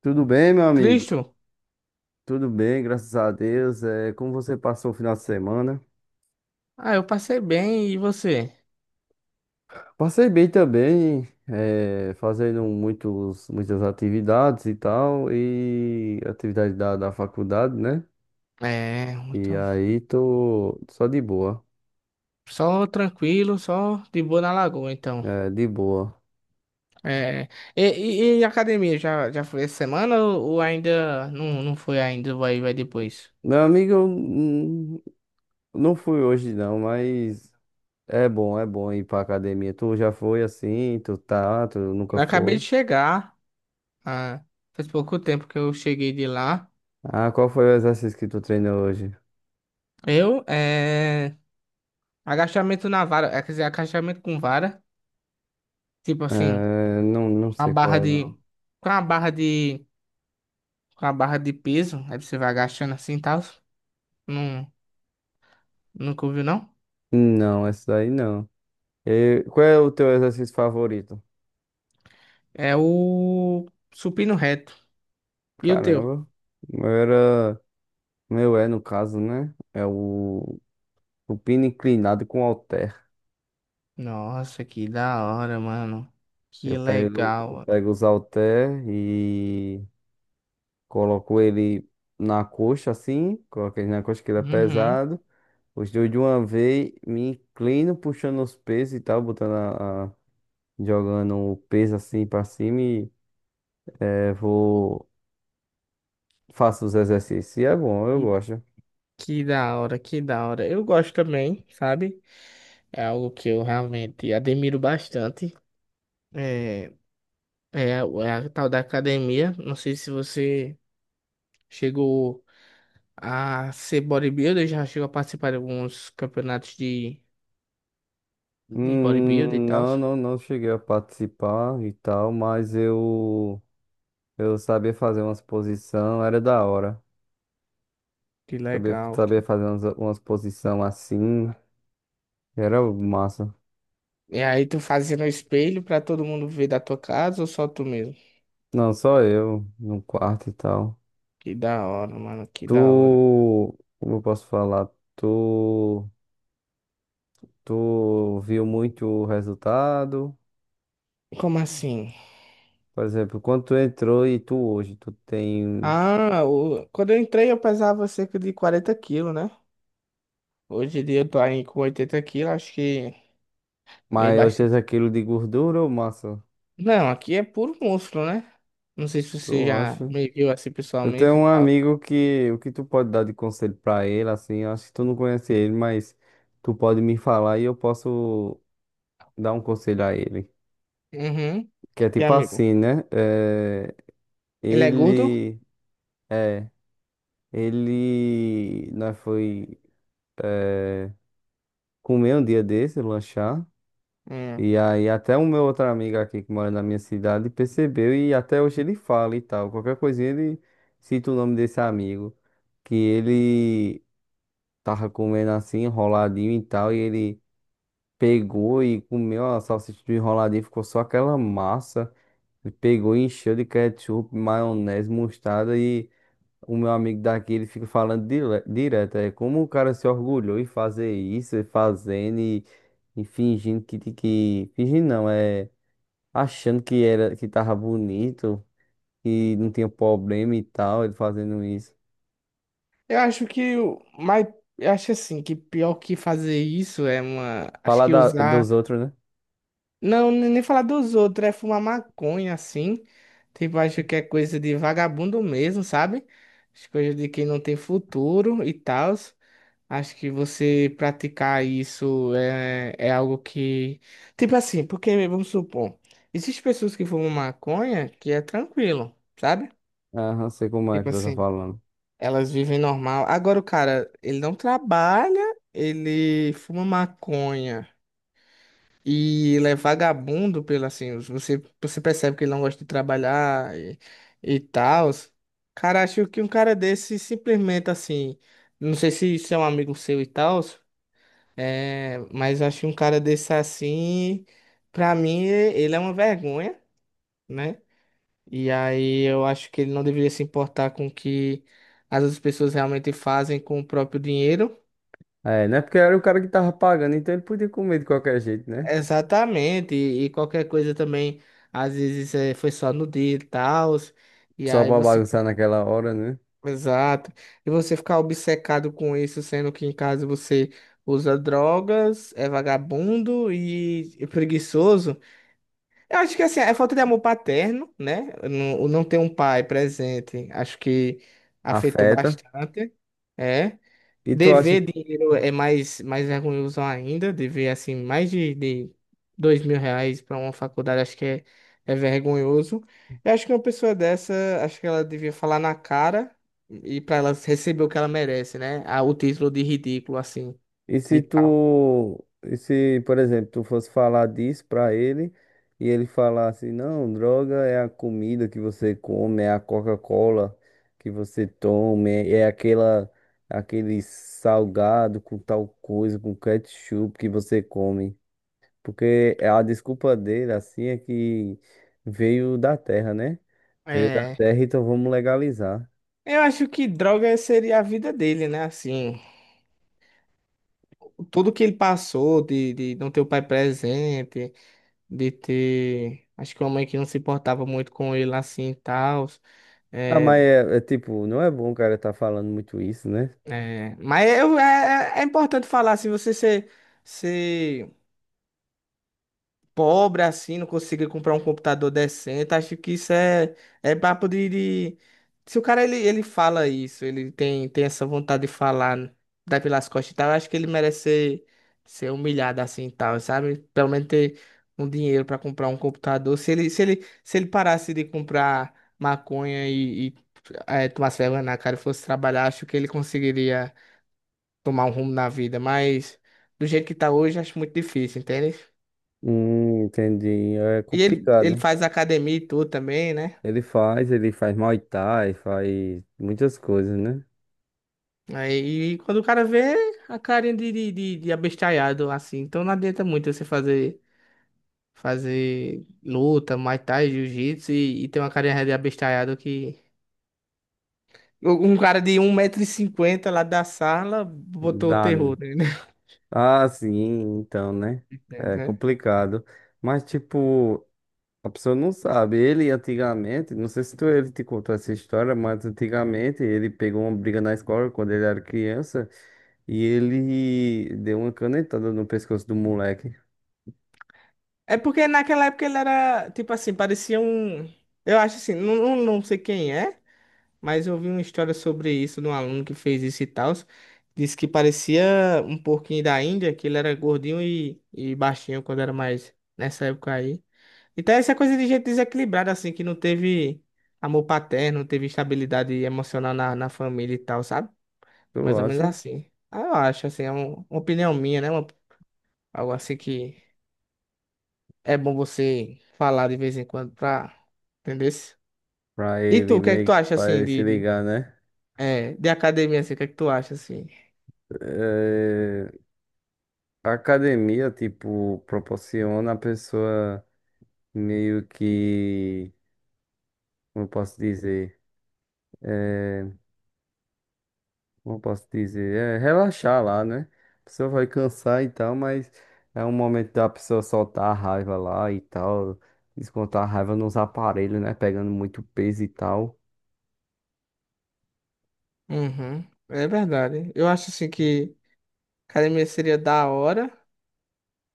Tudo bem, meu amigo? Cristo, Tudo bem, graças a Deus. É, como você passou o final de semana? ah, eu passei bem e você? Passei bem também, é, fazendo muitas atividades e tal, e atividade da faculdade, né? É, E muito. aí tô só de boa, Só tranquilo, só de boa na lagoa, então. é, de boa. É, e, e academia, já foi essa semana ou ainda não foi ainda, vai depois? Meu amigo, eu, não fui hoje não, mas é bom ir pra academia. Tu já foi assim? Tu tá? Tu nunca Eu acabei foi? de chegar, ah, faz pouco tempo que eu cheguei de lá. Ah, qual foi o exercício que tu treinou hoje? Eu, é, agachamento na vara, quer dizer, agachamento com vara, tipo assim, É, não uma sei qual barra é, não. de, com a barra de, com a barra de peso, aí você vai agachando assim e tal. Nunca ouviu, não? Não, essa daí não. E qual é o teu exercício favorito? É o supino reto. E o teu? Caramba. O meu era. O meu é, no caso, né? É o supino inclinado com halter. Nossa, que da hora, mano. Que Eu legal. pego os halter e coloco ele na coxa, assim. Coloco ele na coxa que ele é Uhum. pesado. Os dois de uma vez, me inclino puxando os pesos e tal, jogando o peso assim pra cima e é, vou. Faço os exercícios. E é bom, eu Que, gosto. que da hora, que da hora. Eu gosto também, sabe? É algo que eu realmente admiro bastante. É, é, é a tal da academia. Não sei se você chegou a ser bodybuilder, já chegou a participar de alguns campeonatos de bodybuilder e tal. Não cheguei a participar e tal, mas eu sabia fazer umas posição, era da hora. Que legal. Sabia fazer umas posição assim, era massa. E aí tu fazia no espelho pra todo mundo ver da tua casa ou só tu mesmo? Não, só eu, no quarto e tal. Que da hora, mano, que Tu, da hora. como eu posso falar? Tu, tu viu muito o resultado? Como assim? Por exemplo, quando tu entrou e tu hoje, tu tem Ah, quando eu entrei eu pesava cerca de 40 quilos, né? Hoje em dia eu tô aí com 80 quilos, acho que dei maior bastante. 80 quilos de gordura ou massa? Não, aqui é puro músculo, né? Não sei se você Tu já acha? me viu assim Eu tenho pessoalmente e um tal. amigo que o que tu pode dar de conselho pra ele, assim, eu acho que tu não conhece ele, mas tu pode me falar e eu posso dar um conselho a ele. Uhum. Que é E tipo amigo, assim, né? Ele é gordo? ele, é, ele, nós foi é, comer um dia desse, lanchar, Hum. e aí até o meu outro amigo aqui que mora na minha cidade percebeu e até hoje ele fala e tal. Qualquer coisinha ele cita o nome desse amigo que ele tava comendo assim, enroladinho e tal, e ele pegou e comeu a salsicha do enroladinho, ficou só aquela massa, e pegou e encheu de ketchup, maionese, mostarda, e o meu amigo daqui, ele fica falando direto, é como o cara se orgulhou em fazer isso, e fazendo, e fingindo que, fingindo não, é, achando que era, que tava bonito, que não tinha problema e tal, ele fazendo isso. Eu acho que o mais, eu acho assim que pior que fazer isso é uma, acho Falar que da, usar. dos outros, né? Não, nem falar dos outros, é fumar maconha assim. Tipo, acho que é coisa de vagabundo mesmo, sabe? As coisas de quem não tem futuro e tal. Acho que você praticar isso é algo que. Tipo assim, porque vamos supor, existem pessoas que fumam maconha que é tranquilo, sabe? Aham, sei como é Tipo que tu tá assim, falando. elas vivem normal. Agora o cara, ele não trabalha, ele fuma maconha. E ele é vagabundo pelo assim, você percebe que ele não gosta de trabalhar e tal. Cara, acho que um cara desse simplesmente assim, não sei se isso é um amigo seu e tal, mas acho que um cara desse assim, pra mim, ele é uma vergonha, né? E aí eu acho que ele não deveria se importar com o que as outras pessoas realmente fazem com o próprio dinheiro. É, né? Porque era o cara que tava pagando, então ele podia comer de qualquer jeito, né? Exatamente, e qualquer coisa também, às vezes foi só no dia e tal, e Só aí pra você. bagunçar naquela hora, né? Exato. E você ficar obcecado com isso, sendo que em casa você usa drogas, é vagabundo e preguiçoso. Eu acho que assim, é falta de amor paterno, né? Não ter um pai presente, acho que afetou Afeta. bastante. É. E tu acha. Dever dinheiro é mais vergonhoso ainda. Dever, assim, mais de 2.000 reais para uma faculdade, acho que é vergonhoso. Eu acho que uma pessoa dessa, acho que ela devia falar na cara e para ela receber o que ela merece, né? Ah, o título de ridículo, assim, E e se tal. tu. E se, por exemplo, tu fosse falar disso pra ele e ele falasse: Não, droga é a comida que você come, é a Coca-Cola que você toma, é aquela. Aquele salgado com tal coisa, com ketchup que você come. Porque a desculpa dele, assim, é que veio da terra, né? Veio da É. terra, então vamos legalizar. Eu acho que droga seria a vida dele, né? Assim, tudo que ele passou de não ter o pai presente, de ter. Acho que uma mãe que não se importava muito com ele, assim, e tal Ah, é, mas é, é tipo, não é bom o cara tá falando muito isso, né? É, mas é importante falar, se você ser pobre assim, não conseguir comprar um computador decente, acho que isso é papo de. Se o cara ele fala isso, ele tem essa vontade de falar, dar pelas costas e tal, eu acho que ele merece ser humilhado assim e tal, sabe? Pelo menos ter um dinheiro para comprar um computador. Se ele parasse de comprar maconha e tomasse vergonha na cara e fosse trabalhar, acho que ele conseguiria tomar um rumo na vida, mas do jeito que tá hoje, acho muito difícil, entende? Entendi. É E ele complicado. faz academia e tudo também, né? Ele faz Muay Thai, faz muitas coisas, né? Aí e quando o cara vê a carinha de abestalhado, assim, então não adianta muito você fazer luta, Muay Thai, Jiu-Jitsu e ter uma carinha de abestalhado que. Um cara de 1,50 m lá da sala botou o Dá. Né? terror nele. Ah, sim, então, né? É Entendeu? complicado. Mas, tipo. A pessoa não sabe. Ele antigamente, não sei se tu, ele te contou essa história, mas antigamente ele pegou uma briga na escola quando ele era criança e ele deu uma canetada no pescoço do moleque. É porque naquela época ele era, tipo assim, parecia um. Eu acho assim, não sei quem é. Mas eu vi uma história sobre isso de um aluno que fez isso e tal. Disse que parecia um porquinho da Índia, que ele era gordinho e baixinho quando era mais nessa época aí. Então essa coisa de gente desequilibrada, assim, que não teve amor paterno, não teve estabilidade emocional na família e tal, sabe? Tu Mais ou menos acha? assim. Ah, eu acho, assim, é uma opinião minha, né? Algo assim que é bom você falar de vez em quando pra entender. Pra E tu, ele o que é que tu meio acha, pra assim, ele se de, de, ligar, né? é, de academia, assim, o que é que tu acha, assim? Eh, a academia, tipo, proporciona a pessoa meio que, como eu posso dizer? É, como eu posso dizer, é relaxar lá, né? A pessoa vai cansar e tal, mas é um momento da pessoa soltar a raiva lá e tal, descontar a raiva nos aparelhos, né? Pegando muito peso e tal. Uhum, é verdade. Eu acho assim que academia seria da hora,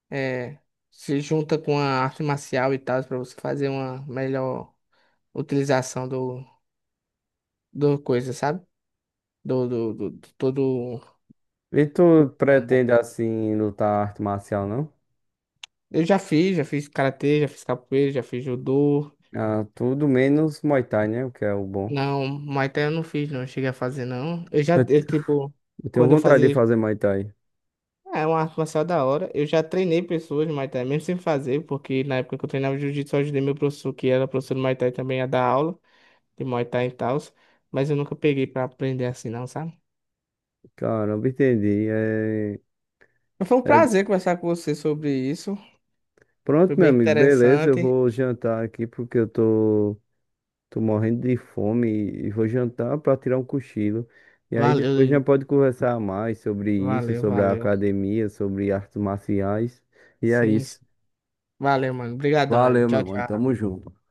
é, se junta com a arte marcial e tal, pra você fazer uma melhor utilização do coisa, sabe? Do todo o E tu combo. pretende assim lutar arte marcial, não? Eu já fiz karatê, já fiz capoeira, já fiz judô. Ah, tudo menos Muay Thai, né? O que é o bom. Não, Muay Thai eu não fiz, não. Cheguei a fazer, não. Eu já, É- eu, tipo, Eu tenho quando eu vontade de fazia. fazer Muay Thai. É uma arte marcial da hora. Eu já treinei pessoas de Muay Thai, mesmo sem fazer, porque na época que eu treinava Jiu-Jitsu, eu ajudei meu professor, que era professor de Muay Thai também, a dar aula de Muay Thai e tal. Mas eu nunca peguei pra aprender assim, não, sabe? Caramba, entendi. É, Mas foi um é- prazer conversar com você sobre isso. Foi Pronto, meu bem amigo, beleza. Eu interessante. vou jantar aqui porque eu tô, tô morrendo de fome e vou jantar pra tirar um cochilo. E aí Valeu, depois já Ju. pode conversar mais sobre isso, Valeu, sobre a valeu. academia, sobre artes marciais. E é Sim, isso. sim. Valeu, mano. Obrigadão aí. Valeu, Tchau, meu mano. tchau. Tamo junto.